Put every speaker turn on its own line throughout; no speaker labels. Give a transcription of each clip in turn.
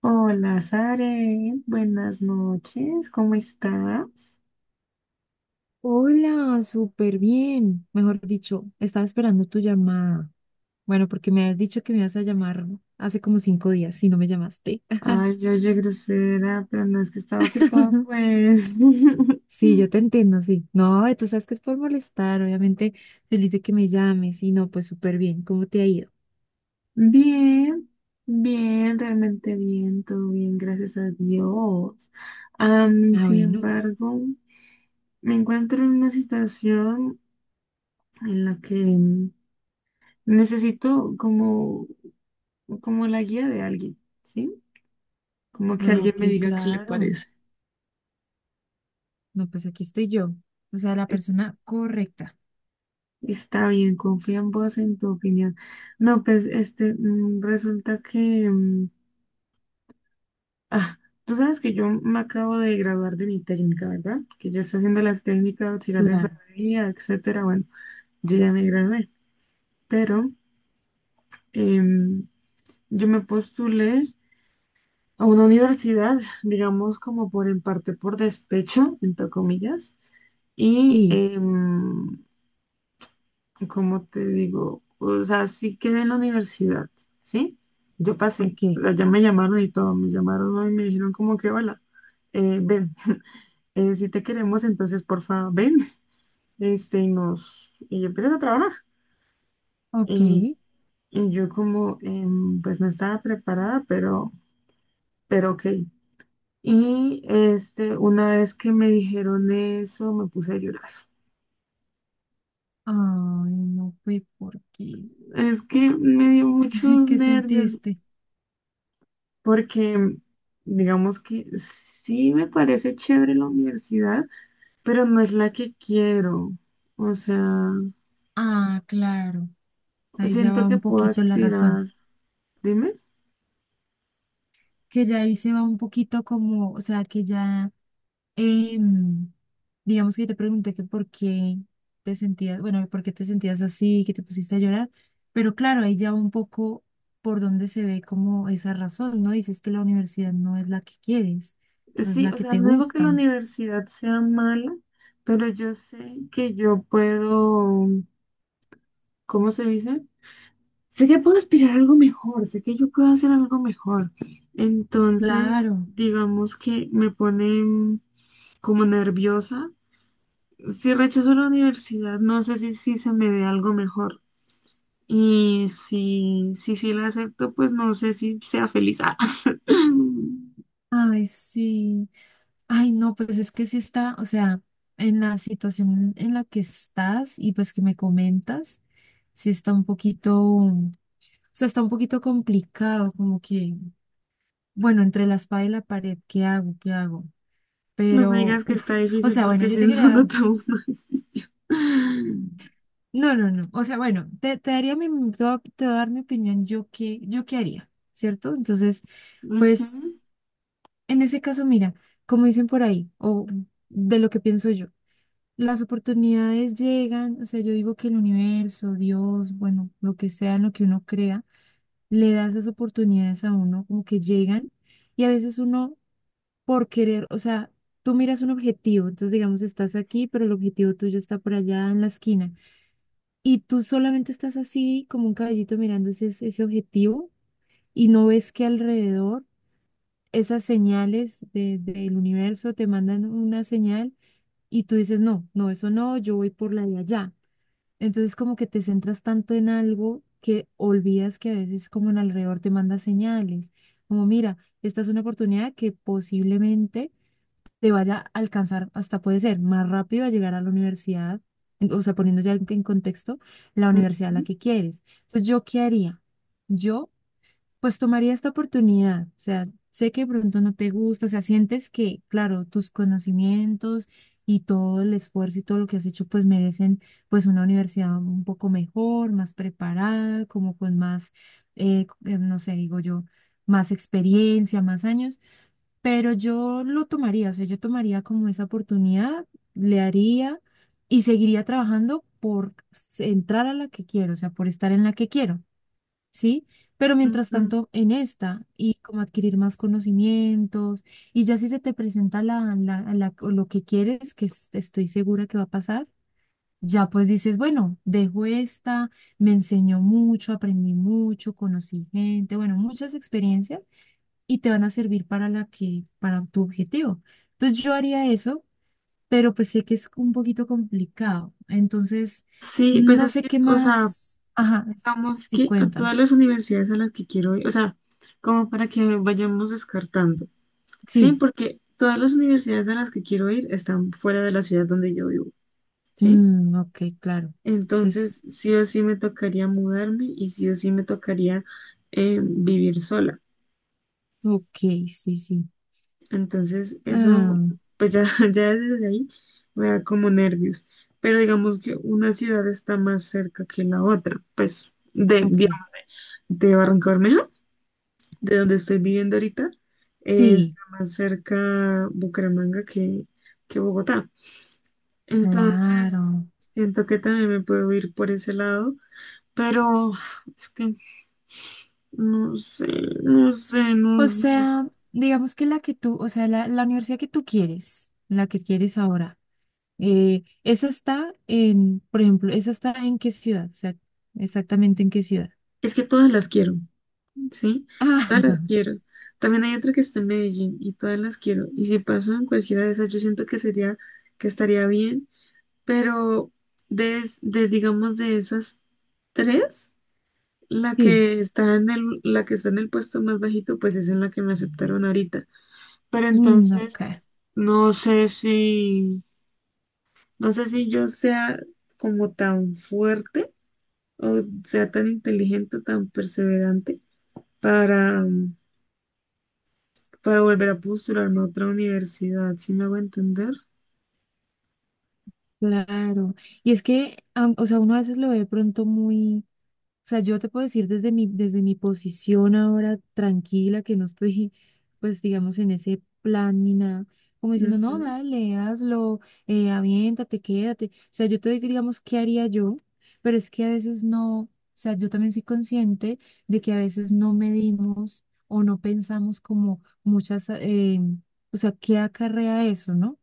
Hola, Sare. Buenas noches. ¿Cómo estás?
Hola, súper bien. Mejor dicho, estaba esperando tu llamada. Bueno, porque me has dicho que me ibas a llamar hace como 5 días, si no me llamaste.
Ay, yo oye, grosera, pero no es que estaba ocupada, pues.
Sí, yo te entiendo, sí. No, tú sabes que es por molestar, obviamente. Feliz de que me llames. Y no, pues súper bien. ¿Cómo te ha ido?
Bien, bien, realmente bien, todo bien, gracias a Dios.
Ah,
Sin
bueno.
embargo, me encuentro en una situación en la que necesito como, como la guía de alguien, ¿sí? Como que
Ah,
alguien
ok,
me diga qué le
claro.
parece.
No, pues aquí estoy yo. O sea, la persona correcta.
Está bien, confío en vos, en tu opinión. No, pues, resulta que, ah, tú sabes que yo me acabo de graduar de mi técnica, ¿verdad? Que ya está haciendo las técnicas de auxiliar de
Claro.
enfermería, etcétera. Bueno, yo ya me gradué, pero em, yo me postulé a una universidad, digamos, como por en parte por despecho, entre comillas, y
Sí,
como te digo, o sea, sí quedé en la universidad, ¿sí? Yo pasé, o
ok.
sea, ya me llamaron y todo, me llamaron, ¿no? Y me dijeron como que, hola, ven, si te queremos, entonces, porfa, ven, y empiezas a trabajar.
Ok.
Y,
Ay,
y yo como, pues no estaba preparada, pero ok. Y este, una vez que me dijeron eso, me puse a llorar.
no fue porque.
Es que me dio muchos
¿Qué
nervios,
sentiste?
porque digamos que sí me parece chévere la universidad, pero no es la que quiero. O sea,
Ah, claro. Ahí ya
siento
va
que
un
puedo
poquito la razón,
aspirar. Dime.
que ya ahí se va un poquito como, o sea, que ya, em, digamos que yo te pregunté que por qué te sentías, bueno, por qué te sentías así, que te pusiste a llorar, pero claro, ahí ya va un poco por donde se ve como esa razón, ¿no? Dices que la universidad no es la que quieres, no es
Sí,
la
o
que
sea,
te
no digo que la
gusta.
universidad sea mala, pero yo sé que yo puedo, ¿cómo se dice? Sé que puedo aspirar a algo mejor, sé que yo puedo hacer algo mejor. Entonces,
Claro.
digamos que me pone como nerviosa. Si rechazo la universidad, no sé si, si se me dé algo mejor. Y si, si, sí la acepto, pues no sé si sea feliz. Ah.
Ay, sí. Ay, no, pues es que sí está, o sea, en la situación en la que estás y pues que me comentas, sí está un poquito, o sea, está un poquito complicado, como que, bueno, entre la espada y la pared, ¿qué hago? ¿Qué hago?
No me
Pero,
digas que está
uff, o
difícil
sea, bueno,
porque
yo
si
te
no, no
quería,
tomo una decisión.
no, no, no, o sea, bueno, te daría mi, te voy a dar mi opinión, yo qué haría, ¿cierto? Entonces,
Ujú,
pues, en ese caso, mira, como dicen por ahí, o de lo que pienso yo. Las oportunidades llegan, o sea, yo digo que el universo, Dios, bueno, lo que sea, en lo que uno crea, le da esas oportunidades a uno, como que llegan, y a veces uno, por querer, o sea, tú miras un objetivo, entonces digamos, estás aquí, pero el objetivo tuyo está por allá en la esquina, y tú solamente estás así, como un caballito mirando ese objetivo, y no ves que alrededor esas señales de- del universo te mandan una señal, y tú dices, no, no, eso no, yo voy por la de allá. Entonces como que te centras tanto en algo que olvidas que a veces como en alrededor te manda señales, como mira, esta es una oportunidad que posiblemente te vaya a alcanzar, hasta puede ser más rápido a llegar a la universidad, en- o sea, poniendo ya en contexto la universidad a la
ujú,
que quieres. Entonces, ¿yo qué haría? Yo pues tomaría esta oportunidad, o sea, sé que de pronto no te gusta, o sea, sientes que, claro, tus conocimientos y todo el esfuerzo y todo lo que has hecho, pues merecen pues una universidad un poco mejor, más preparada, como con más, no sé, digo yo, más experiencia, más años, pero yo lo tomaría, o sea, yo tomaría como esa oportunidad, le haría y seguiría trabajando por s- entrar a la que quiero, o sea, por estar en la que quiero. ¿Sí? Pero mientras
ujú.
tanto, en esta, y como adquirir más conocimientos, y ya si se te presenta o lo que quieres, que es- estoy segura que va a pasar, ya pues dices, bueno, dejo esta, me enseñó mucho, aprendí mucho, conocí gente, bueno, muchas experiencias, y te van a servir para la que, para tu objetivo. Entonces yo haría eso, pero pues sé que es un poquito complicado. Entonces,
Sí, pues
no
es
sé
que,
qué
o sea,
más. Ajá,
digamos
sí,
que a
cuenta.
todas las universidades a las que quiero ir, o sea, como para que vayamos descartando, ¿sí? Porque todas las universidades a las que quiero ir están fuera de la ciudad donde yo vivo, ¿sí?
Mm, ok, claro. Es
Entonces, sí o sí me tocaría mudarme y sí o sí me tocaría vivir sola.
ok, sí, sí.
Entonces, eso,
Ah,
pues ya, ya desde ahí me da como nervios. Pero digamos que una ciudad está más cerca que la otra. Pues
ok,
de Barranca Bermeja, de donde estoy viviendo ahorita,
sí,
está más cerca Bucaramanga que Bogotá. Entonces,
claro.
siento que también me puedo ir por ese lado, pero... es que no sé, no sé, no
O
sé.
sea, digamos que la que tú, o sea, la universidad que tú quieres, la que quieres ahora, esa está en, por ejemplo, esa está en qué ciudad, o sea, exactamente en qué ciudad.
Es que todas las quiero, ¿sí? Todas las
Ah,
quiero. También hay otra que está en Medellín y todas las quiero. Y si paso en cualquiera de esas, yo siento que sería, que estaría bien. Pero de digamos, de esas tres, la
sí,
que está la que está en el puesto más bajito, pues es en la que me aceptaron ahorita. Pero
mm,
entonces,
ok,
no sé si, no sé si yo sea como tan fuerte o sea tan inteligente, tan perseverante para, para volver a postularme a otra universidad, ¿si me hago entender?
claro. Y es que, am- o sea, uno a veces lo ve de pronto muy. O sea, yo te puedo decir desde mi posición ahora tranquila, que no estoy, pues, digamos, en ese plan ni nada, como diciendo, no,
Ujú.
dale, hazlo, aviéntate, quédate. O sea, yo te digo, digamos, ¿qué haría yo? Pero es que a veces no, o sea, yo también soy consciente de que a veces no medimos o no pensamos como muchas, o sea, ¿qué acarrea eso, no?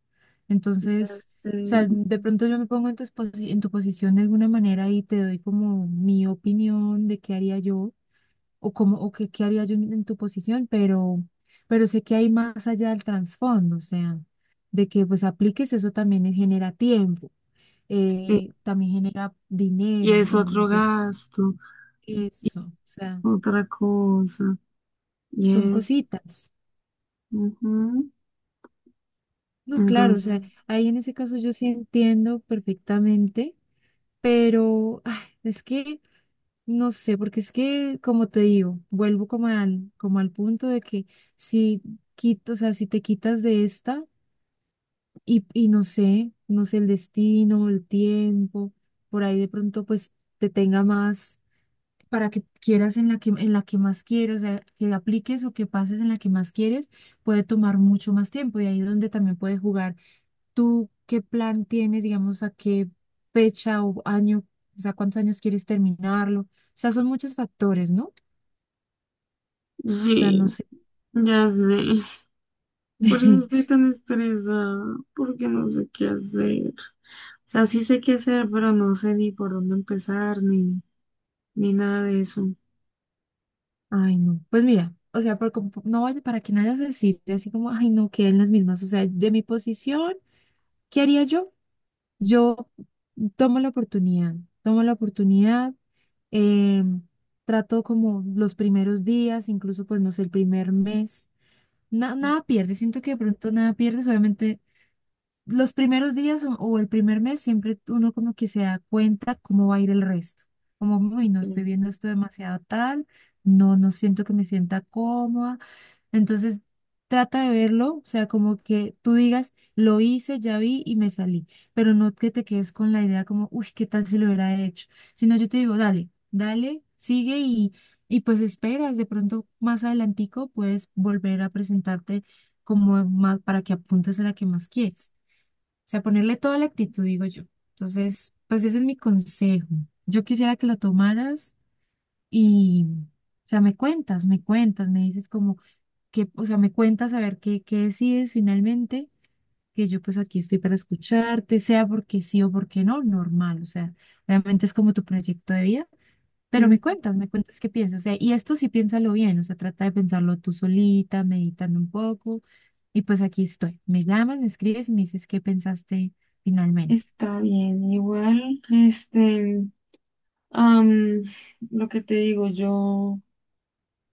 Ya
Entonces
sé.
sea, de pronto yo me pongo en tu, posi- en tu posición de alguna manera y te doy como mi opinión de qué haría yo o cómo o qué, qué haría yo en tu posición, pero sé que hay más allá del trasfondo, o sea, de que pues apliques eso también genera tiempo,
Y
también genera
y
dinero,
es
en,
otro
pues
gasto, y
eso, o sea,
otra cosa, y
son
es...
cositas.
ujú.
No, claro, o sea,
Entonces,
ahí en ese caso yo sí entiendo perfectamente, pero ay, es que... No sé, porque es que, como te digo, vuelvo como al punto de que si quito, o sea, si te quitas de esta y no sé, no sé, el destino, el tiempo, por ahí de pronto pues te tenga más para que quieras en la que más quieres, o sea, que apliques o que pases en la que más quieres, puede tomar mucho más tiempo y ahí es donde también puedes jugar. ¿Tú qué plan tienes, digamos, a qué fecha o año, o sea, cuántos años quieres terminarlo? O sea, son muchos factores, ¿no? Sea,
sí,
no sé.
ya sé. Por eso estoy tan estresada, porque no sé qué hacer. O sea, sí sé qué hacer, pero no sé ni por dónde empezar, ni, ni nada de eso.
Ay, no. Pues mira, o sea, por como- no vaya- para que no vayas a decir así como, ay, no, queden las mismas. O sea, de mi posición, ¿qué haría yo? Yo tomo la oportunidad, tomo la oportunidad, eh, trato como los primeros días, incluso pues no sé, el primer mes. Na- nada pierdes, siento que de pronto nada pierdes, obviamente los primeros días o el primer mes siempre uno como que se da cuenta cómo va a ir el resto. Como, uy, no estoy viendo esto demasiado tal, no, no siento que me sienta cómoda. Entonces, trata de verlo, o sea, como que tú digas, lo hice, ya vi y me salí, pero no que te quedes con la idea como, uy, ¿qué tal si lo hubiera hecho? Sino yo te digo, dale, dale, sigue y pues esperas, de pronto más adelantico puedes volver a presentarte como más para que apuntes a la que más quieres sea, ponerle toda la actitud, digo yo. Entonces, pues ese es mi consejo. Yo quisiera que lo tomaras y, o sea, me cuentas, me cuentas, me dices como que, o sea, me cuentas a ver qué, qué decides finalmente, que yo pues aquí estoy para escucharte, sea porque sí o porque no, normal, o sea, realmente es como tu proyecto de vida. Pero
Ok.
me cuentas qué piensas. O sea, y esto sí piénsalo bien, o sea, trata de pensarlo tú solita, meditando un poco. Y pues aquí estoy. Me llamas, me escribes y me dices qué pensaste finalmente.
Está bien, igual, am, lo que te digo, yo,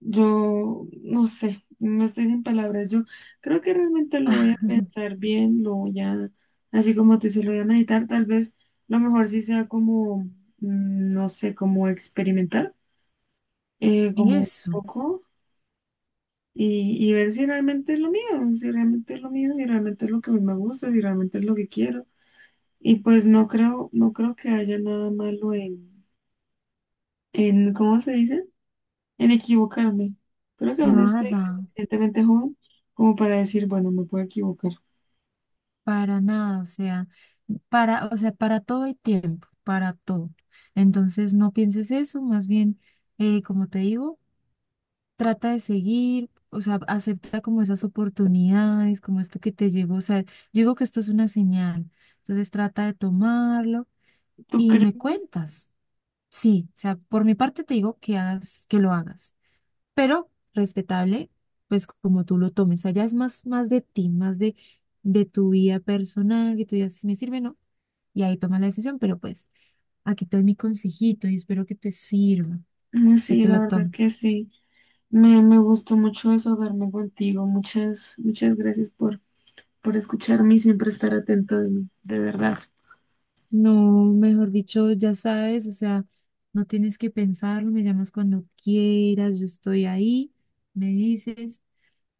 yo, no sé, no estoy sin palabras, yo creo que realmente lo voy a pensar bien, lo voy a, así como tú dices, lo voy a meditar, tal vez lo mejor sí sea como, no sé, como experimentar, como un
Eso,
poco, y ver si realmente es lo mío, si realmente es lo mío, si realmente es lo que a mí me gusta, si realmente es lo que quiero, y pues no creo, no creo que haya nada malo en, ¿cómo se dice? En equivocarme. Creo que aún estoy
nada,
lo suficientemente joven como para decir, bueno, me puedo equivocar.
para nada, o sea, para todo hay tiempo, para todo. Entonces no pienses eso, más bien, como te digo, trata de seguir, o sea, acepta como esas oportunidades, como esto que te llegó, o sea, yo digo que esto es una señal, entonces trata de tomarlo
¿Tú
y
crees?
me cuentas. Sí, o sea, por mi parte te digo que hagas, que lo hagas, pero respetable, pues como tú lo tomes, o sea, ya es más, más de ti, más de tu vida personal, que tú digas si me sirve o no, y ahí tomas la decisión, pero pues aquí te doy mi consejito y espero que te sirva,
Mm,
sé
sí,
que
la
lo
verdad
tomes.
que sí. Me gustó mucho desahogarme contigo. Muchas, muchas gracias por escucharme y siempre estar atento de mí. De verdad.
No, mejor dicho, ya sabes, o sea, no tienes que pensarlo, me llamas cuando quieras, yo estoy ahí, me dices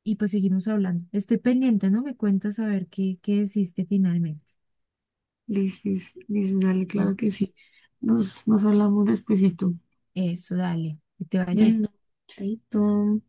y pues seguimos hablando. Estoy pendiente, ¿no? Me cuentas a ver qué, qué decidiste finalmente.
Lisis, Lisis, dale, claro
Mm.
que sí. Nos, nos hablamos despuesito.
Eso, dale, que te vaya bien.
Bueno, chaito.